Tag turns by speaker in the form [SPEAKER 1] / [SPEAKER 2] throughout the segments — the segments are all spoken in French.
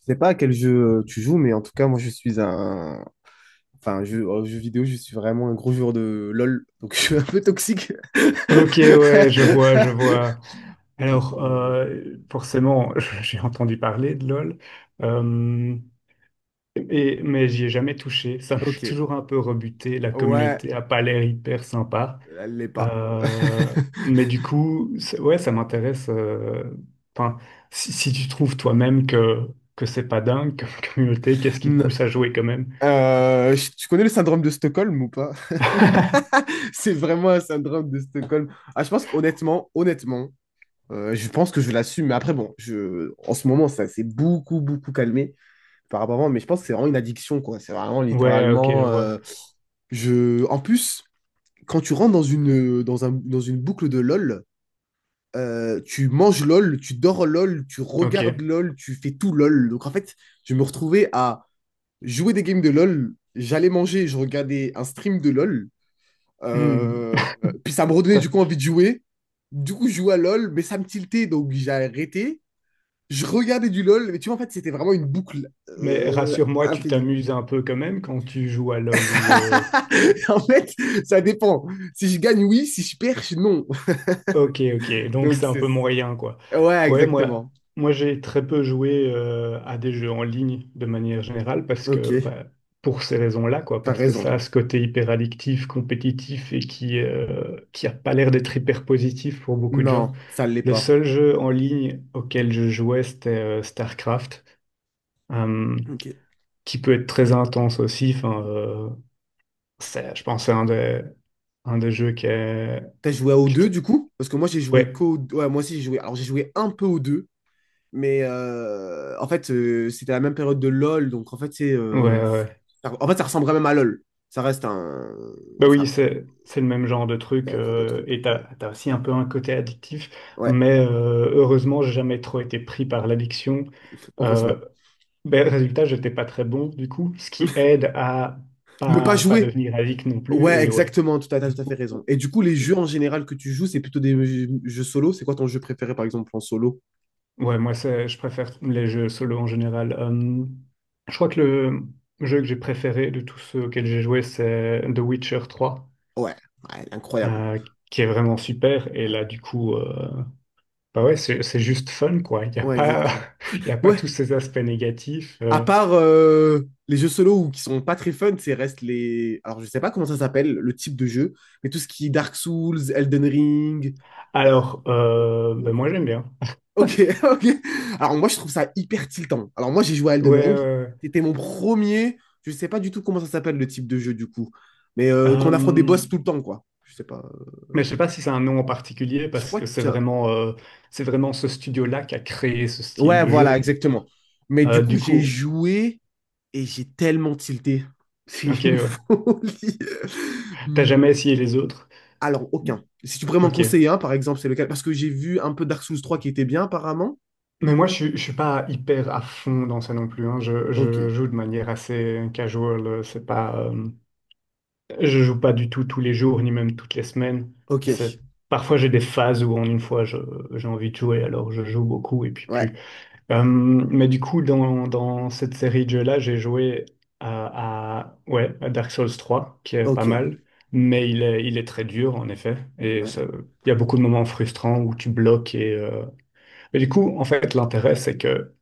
[SPEAKER 1] Je sais pas à quel jeu tu joues, mais en tout cas, moi, je suis un... Enfin, jeu, jeu vidéo, je suis vraiment un gros joueur de LOL, donc je suis un peu toxique.
[SPEAKER 2] Ok, ouais, je vois, je vois.
[SPEAKER 1] Donc,
[SPEAKER 2] Alors,
[SPEAKER 1] euh,
[SPEAKER 2] euh, Forcément, j'ai entendu parler de LOL, euh, mais j'y ai jamais touché. Ça m'a
[SPEAKER 1] Ok,
[SPEAKER 2] toujours un peu rebuté. La
[SPEAKER 1] ouais,
[SPEAKER 2] communauté a pas l'air hyper sympa.
[SPEAKER 1] elle l'est pas.
[SPEAKER 2] Euh, mais du coup, ouais, ça m'intéresse. Enfin, Si, tu trouves toi-même que c'est pas dingue comme communauté, qu'est-ce qui te
[SPEAKER 1] Non.
[SPEAKER 2] pousse à jouer quand même?
[SPEAKER 1] Tu connais le syndrome de Stockholm ou pas? C'est vraiment un syndrome de Stockholm. Ah, je pense qu'honnêtement, honnêtement, je pense que je l'assume. Mais après, bon, en ce moment, ça s'est beaucoup, beaucoup calmé. Par rapport à moi, mais je pense que c'est vraiment une addiction, quoi. C'est vraiment
[SPEAKER 2] Ouais, ok, je
[SPEAKER 1] littéralement.
[SPEAKER 2] vois.
[SPEAKER 1] Je... En plus, quand tu rentres dans une boucle de LOL, tu manges LOL, tu dors LOL, tu
[SPEAKER 2] Ok.
[SPEAKER 1] regardes LOL, tu fais tout LOL. Donc en fait, je me retrouvais à jouer des games de LOL, j'allais manger, je regardais un stream de LOL,
[SPEAKER 2] Hmm.
[SPEAKER 1] euh, puis ça me redonnait du coup envie de jouer. Du coup, je jouais à LOL, mais ça me tiltait, donc j'ai arrêté. Je regardais du LOL, mais tu vois, en fait, c'était vraiment une boucle
[SPEAKER 2] Mais rassure-moi, tu
[SPEAKER 1] infinie.
[SPEAKER 2] t'amuses un peu quand même quand tu joues à LoL ou...
[SPEAKER 1] En fait, ça dépend. Si je gagne, oui. Si je perds, non.
[SPEAKER 2] Ok, ok, donc
[SPEAKER 1] Donc,
[SPEAKER 2] c'est un
[SPEAKER 1] c'est...
[SPEAKER 2] peu moyen, quoi.
[SPEAKER 1] Ouais,
[SPEAKER 2] Ouais,
[SPEAKER 1] exactement.
[SPEAKER 2] moi j'ai très peu joué à des jeux en ligne de manière générale parce que,
[SPEAKER 1] Ok,
[SPEAKER 2] bah, pour ces raisons-là, quoi,
[SPEAKER 1] t'as
[SPEAKER 2] parce que
[SPEAKER 1] raison.
[SPEAKER 2] ça a ce côté hyper addictif, compétitif et qui a pas l'air d'être hyper positif pour beaucoup de gens.
[SPEAKER 1] Non, ça l'est
[SPEAKER 2] Le
[SPEAKER 1] pas.
[SPEAKER 2] seul jeu en ligne auquel je jouais, c'était StarCraft, euh,
[SPEAKER 1] Ok.
[SPEAKER 2] qui peut être très intense aussi. Je pense que c'est un des jeux qui est...
[SPEAKER 1] T'as joué au
[SPEAKER 2] qui te-
[SPEAKER 1] deux du coup? Parce que moi, j'ai joué
[SPEAKER 2] Ouais,
[SPEAKER 1] qu'au... Ouais, moi aussi, j'ai joué... Alors, j'ai joué un peu au deux. Mais en fait, c'était la même période de LoL. Donc, en fait,
[SPEAKER 2] ouais, ouais.
[SPEAKER 1] en fait, ça ressemblait même à LoL. Ça reste un...
[SPEAKER 2] Bah oui,
[SPEAKER 1] Ça...
[SPEAKER 2] c'est le même genre de
[SPEAKER 1] C'est
[SPEAKER 2] truc
[SPEAKER 1] un genre de truc.
[SPEAKER 2] et t'as aussi un peu un côté addictif,
[SPEAKER 1] Ouais,
[SPEAKER 2] mais heureusement, j'ai jamais trop été pris par l'addiction. Euh,
[SPEAKER 1] heureusement.
[SPEAKER 2] Résultat, j'étais pas très bon du coup, ce qui aide à
[SPEAKER 1] Ne pas
[SPEAKER 2] pas
[SPEAKER 1] jouer.
[SPEAKER 2] devenir addict non plus
[SPEAKER 1] Ouais,
[SPEAKER 2] et ouais.
[SPEAKER 1] exactement, tu as
[SPEAKER 2] Du
[SPEAKER 1] tout à fait raison.
[SPEAKER 2] coup,
[SPEAKER 1] Et du coup, les jeux en général que tu joues, c'est plutôt des jeux solo. C'est quoi ton jeu préféré, par exemple, en solo?
[SPEAKER 2] ouais, moi c'est je préfère les jeux solo en général. Je crois que le jeu que j'ai préféré de tous ceux auxquels j'ai joué, c'est The Witcher trois
[SPEAKER 1] Ouais, ouais, incroyable.
[SPEAKER 2] euh, qui est vraiment super. Et
[SPEAKER 1] Ouais,
[SPEAKER 2] là, bah ouais, c'est juste fun, quoi. Il n'y a
[SPEAKER 1] ouais,
[SPEAKER 2] pas,
[SPEAKER 1] exactement.
[SPEAKER 2] il y a pas
[SPEAKER 1] Ouais,
[SPEAKER 2] tous ces aspects négatifs.
[SPEAKER 1] à part les jeux solo ou qui sont pas très fun, c'est reste les... Alors, je sais pas comment ça s'appelle, le type de jeu, mais tout ce qui est Dark Souls, Elden Ring...
[SPEAKER 2] Alors, ben moi, j'aime bien.
[SPEAKER 1] Ok, ok. Alors, moi, je trouve ça hyper tiltant. Alors, moi, j'ai joué à
[SPEAKER 2] Ouais,
[SPEAKER 1] Elden
[SPEAKER 2] ouais,
[SPEAKER 1] Ring.
[SPEAKER 2] ouais.
[SPEAKER 1] C'était mon premier... Je sais pas du tout comment ça s'appelle, le type de jeu, du coup. Mais qu'on affronte des
[SPEAKER 2] Euh,
[SPEAKER 1] boss tout le temps, quoi. Je sais pas.
[SPEAKER 2] mais je sais pas si c'est un nom en particulier
[SPEAKER 1] Je
[SPEAKER 2] parce
[SPEAKER 1] crois
[SPEAKER 2] que
[SPEAKER 1] que.
[SPEAKER 2] c'est vraiment ce studio-là qui a créé ce style
[SPEAKER 1] Ouais,
[SPEAKER 2] de jeu.
[SPEAKER 1] voilà, exactement. Mais du
[SPEAKER 2] Euh,
[SPEAKER 1] coup,
[SPEAKER 2] du
[SPEAKER 1] j'ai
[SPEAKER 2] coup,
[SPEAKER 1] joué et j'ai tellement tilté. C'est
[SPEAKER 2] ok,
[SPEAKER 1] une
[SPEAKER 2] ouais.
[SPEAKER 1] folie.
[SPEAKER 2] T'as
[SPEAKER 1] Hmm.
[SPEAKER 2] jamais essayé les autres?
[SPEAKER 1] Alors, aucun. Si tu pourrais m'en
[SPEAKER 2] Ok.
[SPEAKER 1] conseiller un, par exemple, c'est lequel? Parce que j'ai vu un peu Dark Souls 3 qui était bien, apparemment.
[SPEAKER 2] Mais moi, je suis pas hyper à fond dans ça non plus. Hein. Je
[SPEAKER 1] Ok.
[SPEAKER 2] joue de manière assez casual. C'est pas. Je joue pas du tout tous les jours, ni même toutes les semaines.
[SPEAKER 1] Ok.
[SPEAKER 2] C'est- Parfois, j'ai des phases où en une fois, je- j'ai envie de jouer, alors je joue beaucoup et puis
[SPEAKER 1] Ouais.
[SPEAKER 2] plus. Mais du coup, dans cette série de jeux-là, j'ai joué ouais, à Dark Souls 3, qui est pas
[SPEAKER 1] Ok.
[SPEAKER 2] mal, mais il est très dur, en effet. Et
[SPEAKER 1] Ouais.
[SPEAKER 2] ça- il y a beaucoup de moments frustrants où tu bloques. Mais du coup, en fait, l'intérêt, c'est que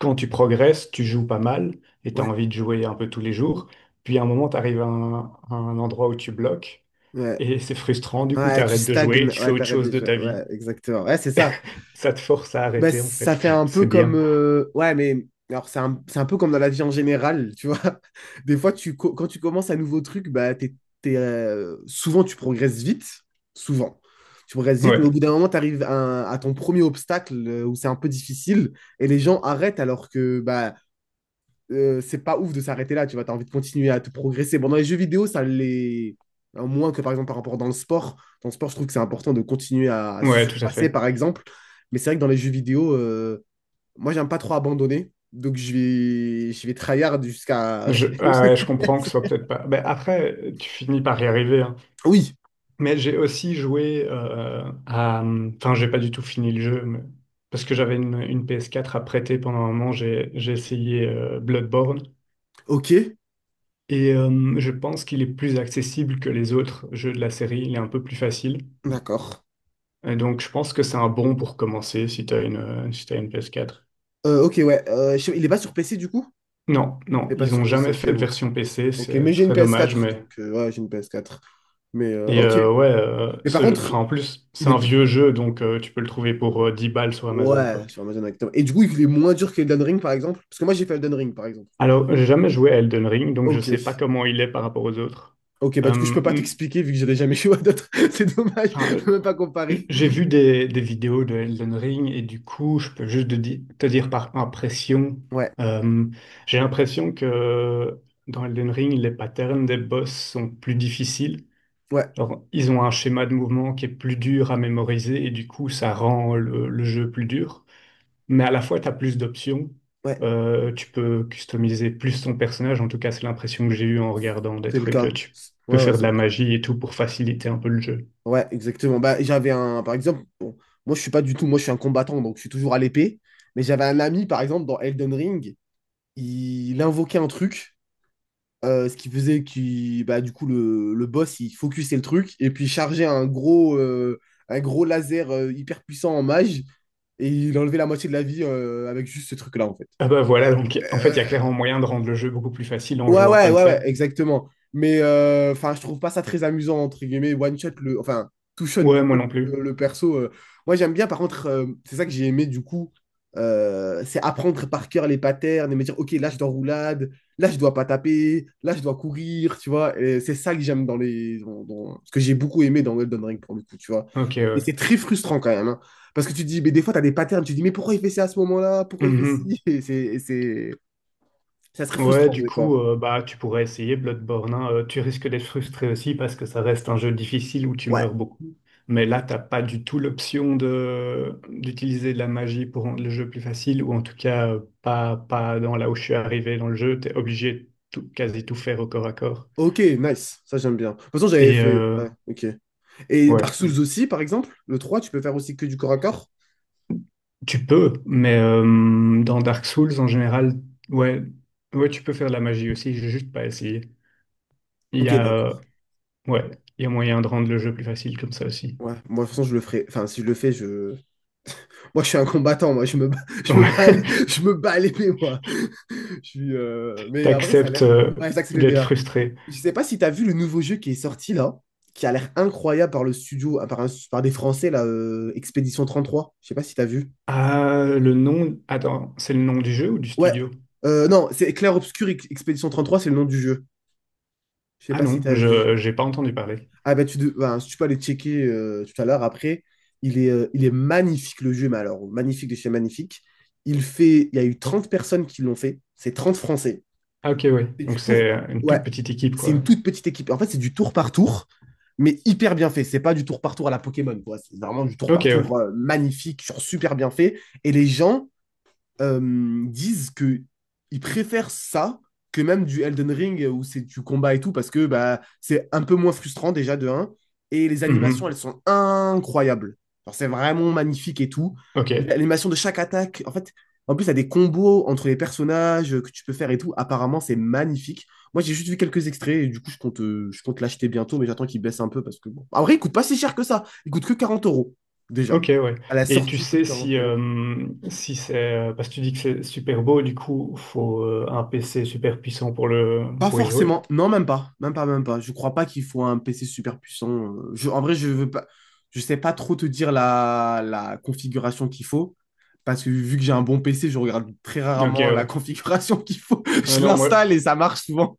[SPEAKER 2] quand tu progresses, tu joues pas mal et tu as
[SPEAKER 1] Ouais.
[SPEAKER 2] envie de jouer un peu tous les jours. Puis à un moment, tu arrives à un endroit où tu bloques.
[SPEAKER 1] Ouais.
[SPEAKER 2] Et c'est frustrant, du coup, tu
[SPEAKER 1] Ouais, tu
[SPEAKER 2] arrêtes de jouer et
[SPEAKER 1] stagnes.
[SPEAKER 2] tu fais
[SPEAKER 1] Ouais,
[SPEAKER 2] autre
[SPEAKER 1] t'arrêtes
[SPEAKER 2] chose de
[SPEAKER 1] déjà.
[SPEAKER 2] ta vie.
[SPEAKER 1] Ouais, exactement. Ouais, c'est ça.
[SPEAKER 2] Ça te force à
[SPEAKER 1] Bah,
[SPEAKER 2] arrêter, en
[SPEAKER 1] ça
[SPEAKER 2] fait.
[SPEAKER 1] fait un peu
[SPEAKER 2] C'est
[SPEAKER 1] comme.
[SPEAKER 2] bien.
[SPEAKER 1] Ouais, mais alors c'est un peu comme dans la vie en général, tu vois. Des fois, quand tu commences un nouveau truc, bah, souvent tu progresses vite. Souvent. Tu progresses vite, mais au bout
[SPEAKER 2] Ouais,
[SPEAKER 1] d'un moment, tu arrives à ton premier obstacle où c'est un peu difficile et les gens arrêtent alors que c'est pas ouf de s'arrêter là, tu vois, t'as envie de continuer à te progresser. Bon, dans les jeux vidéo, ça l'est, hein, moins que par exemple par rapport dans le sport. Dans le sport, je trouve que c'est important de continuer à se
[SPEAKER 2] ouais, tout à
[SPEAKER 1] surpasser,
[SPEAKER 2] fait.
[SPEAKER 1] par exemple. Mais c'est vrai que dans les jeux vidéo, moi, j'aime pas trop abandonner. Donc, je vais tryhard jusqu'à.
[SPEAKER 2] Je, ah ouais, je comprends que ce soit peut-être pas. Ben, après, tu finis par y arriver. Hein.
[SPEAKER 1] Oui,
[SPEAKER 2] Mais j'ai aussi joué à. Enfin, j'ai pas du tout fini le jeu, mais- parce que j'avais une PS4 à prêter pendant un moment. J'ai essayé Bloodborne.
[SPEAKER 1] ok,
[SPEAKER 2] Et je pense qu'il est plus accessible que les autres jeux de la série. Il est un peu plus facile.
[SPEAKER 1] d'accord.
[SPEAKER 2] Et donc, je pense que c'est un bon pour commencer si si t'as une PS4.
[SPEAKER 1] Ok, ouais. Il est pas sur PC du coup?
[SPEAKER 2] Non,
[SPEAKER 1] Il
[SPEAKER 2] non,
[SPEAKER 1] n'est pas
[SPEAKER 2] ils ont
[SPEAKER 1] sur PC,
[SPEAKER 2] jamais
[SPEAKER 1] ok,
[SPEAKER 2] fait de
[SPEAKER 1] ouais.
[SPEAKER 2] version PC,
[SPEAKER 1] Ok, mais
[SPEAKER 2] c'est
[SPEAKER 1] j'ai une
[SPEAKER 2] très dommage,
[SPEAKER 1] PS4,
[SPEAKER 2] mais...
[SPEAKER 1] donc ouais, j'ai une PS4. Mais
[SPEAKER 2] Et
[SPEAKER 1] ok.
[SPEAKER 2] ouais,
[SPEAKER 1] Mais par
[SPEAKER 2] ce jeu- enfin,
[SPEAKER 1] contre,
[SPEAKER 2] en plus,
[SPEAKER 1] il
[SPEAKER 2] c'est
[SPEAKER 1] est,
[SPEAKER 2] un vieux jeu, donc tu peux le trouver pour 10 balles sur Amazon, quoi.
[SPEAKER 1] ouais, sur Amazon exactement. Et du coup, il est moins dur que Elden Ring, par exemple? Parce que moi, j'ai fait Elden Ring, par exemple.
[SPEAKER 2] Alors, j'ai jamais joué à Elden Ring, donc je
[SPEAKER 1] Ok.
[SPEAKER 2] sais pas comment il est par rapport aux autres.
[SPEAKER 1] Ok, bah
[SPEAKER 2] Euh,
[SPEAKER 1] du coup, je peux pas
[SPEAKER 2] mm,
[SPEAKER 1] t'expliquer vu que j'avais jamais joué à d'autres. C'est dommage,
[SPEAKER 2] enfin,
[SPEAKER 1] je peux même pas
[SPEAKER 2] euh,
[SPEAKER 1] comparer.
[SPEAKER 2] j'ai vu des vidéos de Elden Ring, et du coup, je peux juste te dire par impression,
[SPEAKER 1] Ouais,
[SPEAKER 2] euh, j'ai l'impression que dans Elden Ring, les patterns des boss sont plus difficiles.
[SPEAKER 1] ouais,
[SPEAKER 2] Genre, ils ont un schéma de mouvement qui est plus dur à mémoriser et du coup, ça rend le jeu plus dur. Mais à la fois, tu as plus d'options.
[SPEAKER 1] ouais,
[SPEAKER 2] Tu peux customiser plus ton personnage. En tout cas, c'est l'impression que j'ai eue en regardant des
[SPEAKER 1] c'est le
[SPEAKER 2] trucs.
[SPEAKER 1] cas.
[SPEAKER 2] Tu peux
[SPEAKER 1] Ouais, ouais,
[SPEAKER 2] faire de
[SPEAKER 1] c'est le
[SPEAKER 2] la
[SPEAKER 1] cas.
[SPEAKER 2] magie et tout pour faciliter un peu le jeu.
[SPEAKER 1] Ouais, exactement. Bah, j'avais un, par exemple, bon, moi, je suis pas du tout, moi, je suis un combattant, donc je suis toujours à l'épée. Mais j'avais un ami, par exemple, dans Elden Ring, il invoquait un truc. Ce qui faisait que bah, du coup le boss il focusait le truc et puis il chargeait un gros laser hyper puissant en mage et il enlevait la moitié de la vie avec juste ce truc-là en fait.
[SPEAKER 2] Ah bah voilà, donc en fait, il y a
[SPEAKER 1] Euh,
[SPEAKER 2] clairement moyen de rendre le jeu beaucoup plus facile en
[SPEAKER 1] Ouais,
[SPEAKER 2] jouant
[SPEAKER 1] ouais,
[SPEAKER 2] comme
[SPEAKER 1] ouais, ouais,
[SPEAKER 2] ça.
[SPEAKER 1] exactement. Mais enfin, je trouve pas ça très amusant, entre guillemets, one shot, enfin, two shot, du
[SPEAKER 2] Ouais, moi
[SPEAKER 1] coup,
[SPEAKER 2] non plus.
[SPEAKER 1] le perso. Moi, j'aime bien, par contre, c'est ça que j'ai aimé, du coup, c'est apprendre par cœur les patterns et me dire, OK, là, je dois roulade, là, je dois pas taper, là, je dois courir, tu vois. Et c'est ça que j'aime dans ce que j'ai beaucoup aimé dans Elden Ring, pour le coup, tu vois.
[SPEAKER 2] Ok,
[SPEAKER 1] Mais
[SPEAKER 2] ouais.
[SPEAKER 1] c'est très frustrant quand même, hein. Parce que tu te dis, mais des fois, tu as des patterns, tu te dis, mais pourquoi il fait ça à ce moment-là? Pourquoi il fait ci?
[SPEAKER 2] Mhm.
[SPEAKER 1] Ça serait
[SPEAKER 2] Ouais,
[SPEAKER 1] frustrant,
[SPEAKER 2] du
[SPEAKER 1] des fois.
[SPEAKER 2] coup, bah, tu pourrais essayer Bloodborne. Hein. Tu risques d'être frustré aussi parce que ça reste un jeu difficile où tu
[SPEAKER 1] Ouais.
[SPEAKER 2] meurs beaucoup. Mais là, t'as pas du tout l'option de d'utiliser de la magie pour rendre le jeu plus facile, ou en tout cas pas dans là où je suis arrivé dans le jeu. T'es obligé de tout, quasi tout faire au corps à corps.
[SPEAKER 1] Ok, nice, ça j'aime bien. De toute façon, j'avais
[SPEAKER 2] Et
[SPEAKER 1] fait. Ouais, ok. Et Dark
[SPEAKER 2] ouais,
[SPEAKER 1] Souls aussi, par exemple, le 3, tu peux faire aussi que du corps à corps?
[SPEAKER 2] tu peux, mais dans Dark Souls en général, ouais, ouais, tu peux faire de la magie aussi. J'ai juste pas essayé. Il y
[SPEAKER 1] Ok,
[SPEAKER 2] a
[SPEAKER 1] d'accord.
[SPEAKER 2] Ouais, il y a moyen de rendre le jeu plus facile comme ça aussi.
[SPEAKER 1] Ouais, moi de toute façon, je le ferai. Enfin, si je le fais, je. Moi, je suis un combattant, moi, je me bats, je me bats à
[SPEAKER 2] Ouais,
[SPEAKER 1] l'é- je me bats à l'épée, moi. Mais après, ça a
[SPEAKER 2] t'acceptes
[SPEAKER 1] l'air cool. Ouais, ça, c'est le
[SPEAKER 2] d'être
[SPEAKER 1] DA.
[SPEAKER 2] frustré.
[SPEAKER 1] Je sais pas si t'as vu le nouveau jeu qui est sorti là, qui a l'air incroyable par le studio, ah, par des Français là, Expédition 33. Je sais pas si t'as vu.
[SPEAKER 2] Ah, le nom. Attends, c'est le nom du jeu ou du
[SPEAKER 1] Ouais,
[SPEAKER 2] studio?
[SPEAKER 1] Non, c'est Clair Obscur Expédition 33, c'est le nom du jeu. Je sais
[SPEAKER 2] Ah
[SPEAKER 1] pas si
[SPEAKER 2] non,
[SPEAKER 1] t'as vu.
[SPEAKER 2] je j'ai pas entendu parler.
[SPEAKER 1] Ah ben, si tu peux aller checker tout à l'heure après, il est magnifique le jeu, mais alors magnifique de chez magnifique. Il y a eu 30 personnes qui l'ont fait, c'est 30 Français.
[SPEAKER 2] Ah ok, ouais.
[SPEAKER 1] C'est
[SPEAKER 2] Donc
[SPEAKER 1] du
[SPEAKER 2] c'est
[SPEAKER 1] tour,
[SPEAKER 2] une
[SPEAKER 1] ouais,
[SPEAKER 2] toute petite équipe,
[SPEAKER 1] c'est
[SPEAKER 2] quoi.
[SPEAKER 1] une toute petite équipe. En fait, c'est du tour par tour, mais hyper bien fait. C'est pas du tour par tour à la Pokémon, quoi. C'est vraiment du tour
[SPEAKER 2] Ok,
[SPEAKER 1] par
[SPEAKER 2] ouais.
[SPEAKER 1] tour magnifique, genre super bien fait. Et les gens, disent que ils préfèrent ça que même du Elden Ring où c'est du combat et tout parce que bah c'est un peu moins frustrant déjà de un et les animations
[SPEAKER 2] Mhm.
[SPEAKER 1] elles sont incroyables. Genre, c'est vraiment magnifique et tout. Et
[SPEAKER 2] Ok.
[SPEAKER 1] l'animation de chaque attaque, en fait, en plus, il y a des combos entre les personnages que tu peux faire et tout. Apparemment, c'est magnifique. Moi, j'ai juste vu quelques extraits et du coup, je compte l'acheter bientôt, mais j'attends qu'il baisse un peu parce que, bon. En vrai, il coûte pas si cher que ça. Il coûte que 40 euros, déjà.
[SPEAKER 2] Ok, ouais.
[SPEAKER 1] À la
[SPEAKER 2] Et tu
[SPEAKER 1] sortie, il coûte
[SPEAKER 2] sais
[SPEAKER 1] 40
[SPEAKER 2] si,
[SPEAKER 1] euros.
[SPEAKER 2] si c'est. Parce que tu dis que c'est super beau, du coup, faut un PC super puissant pour le
[SPEAKER 1] Pas
[SPEAKER 2] pour y jouer.
[SPEAKER 1] forcément. Non, même pas. Même pas, même pas. Je crois pas qu'il faut un PC super puissant. En vrai, je veux pas. Je sais pas trop te dire la configuration qu'il faut. Parce que vu que j'ai un bon PC, je regarde très
[SPEAKER 2] Ok,
[SPEAKER 1] rarement la
[SPEAKER 2] ouais.
[SPEAKER 1] configuration qu'il faut.
[SPEAKER 2] Ah
[SPEAKER 1] Je
[SPEAKER 2] non, moi,
[SPEAKER 1] l'installe et ça marche souvent.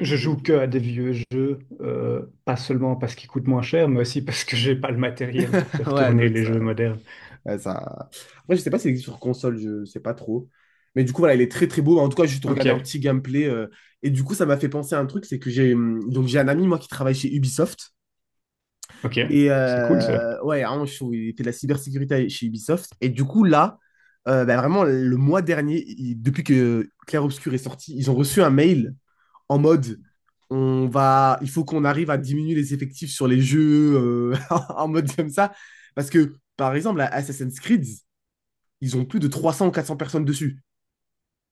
[SPEAKER 2] Je joue que à des vieux jeux, pas seulement parce qu'ils coûtent moins cher, mais aussi parce que j'ai pas le matériel pour faire
[SPEAKER 1] Ouais,
[SPEAKER 2] tourner
[SPEAKER 1] donc
[SPEAKER 2] les
[SPEAKER 1] ça,
[SPEAKER 2] jeux modernes.
[SPEAKER 1] ouais, ça. Après, je sais pas s'il existe sur console, je sais pas trop. Mais du coup, voilà, il est très très beau. En tout cas, j'ai juste regardé un
[SPEAKER 2] Ok,
[SPEAKER 1] petit gameplay. Et du coup, ça m'a fait penser à un truc, c'est que j'ai donc j'ai un ami moi qui travaille chez Ubisoft.
[SPEAKER 2] ok, c'est cool ça.
[SPEAKER 1] Ouais, à un moment, il était de la cybersécurité chez Ubisoft. Et du coup, là, bah, vraiment, le mois dernier, depuis que Clair Obscur est sorti, ils ont reçu un mail en mode il faut qu'on arrive à diminuer les effectifs sur les jeux en mode comme ça. Parce que, par exemple, à Assassin's Creed, ils ont plus de 300 ou 400 personnes dessus.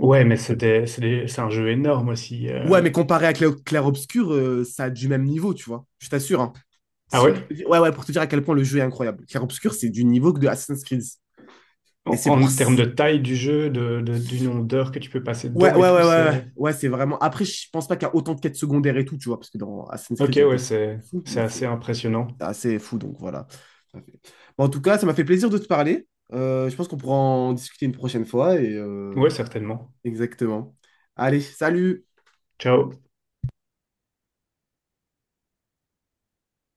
[SPEAKER 2] Ouais, mais c'est un jeu énorme aussi.
[SPEAKER 1] Ouais, mais comparé à Clair Obscur, ça a du même niveau, tu vois. Je t'assure, hein.
[SPEAKER 2] Ah
[SPEAKER 1] C'est-
[SPEAKER 2] ouais?
[SPEAKER 1] Ouais, ouais, pour te dire à quel point le jeu est incroyable. Clair Obscur, c'est du niveau que de Assassin's Creed. Et c'est pour.
[SPEAKER 2] En termes
[SPEAKER 1] s-
[SPEAKER 2] de taille du jeu, du nombre d'heures que tu peux passer
[SPEAKER 1] Ouais,
[SPEAKER 2] dedans
[SPEAKER 1] ouais,
[SPEAKER 2] et tout,
[SPEAKER 1] ouais, ouais, ouais,
[SPEAKER 2] c'est...
[SPEAKER 1] ouais, c'est vraiment. Après, je pense pas qu'il y a autant de quêtes secondaires et tout, tu vois, parce que dans Assassin's
[SPEAKER 2] Ok,
[SPEAKER 1] Creed, il y a
[SPEAKER 2] ouais,
[SPEAKER 1] des trucs de
[SPEAKER 2] c'est
[SPEAKER 1] fous, mais
[SPEAKER 2] c'est assez
[SPEAKER 1] c'est
[SPEAKER 2] impressionnant.
[SPEAKER 1] assez fou, donc voilà. Ça fait- Bon, en tout cas, ça m'a fait plaisir de te parler. Je pense qu'on pourra en discuter une prochaine fois
[SPEAKER 2] Ouais, certainement.
[SPEAKER 1] exactement. Allez, salut!
[SPEAKER 2] Ciao.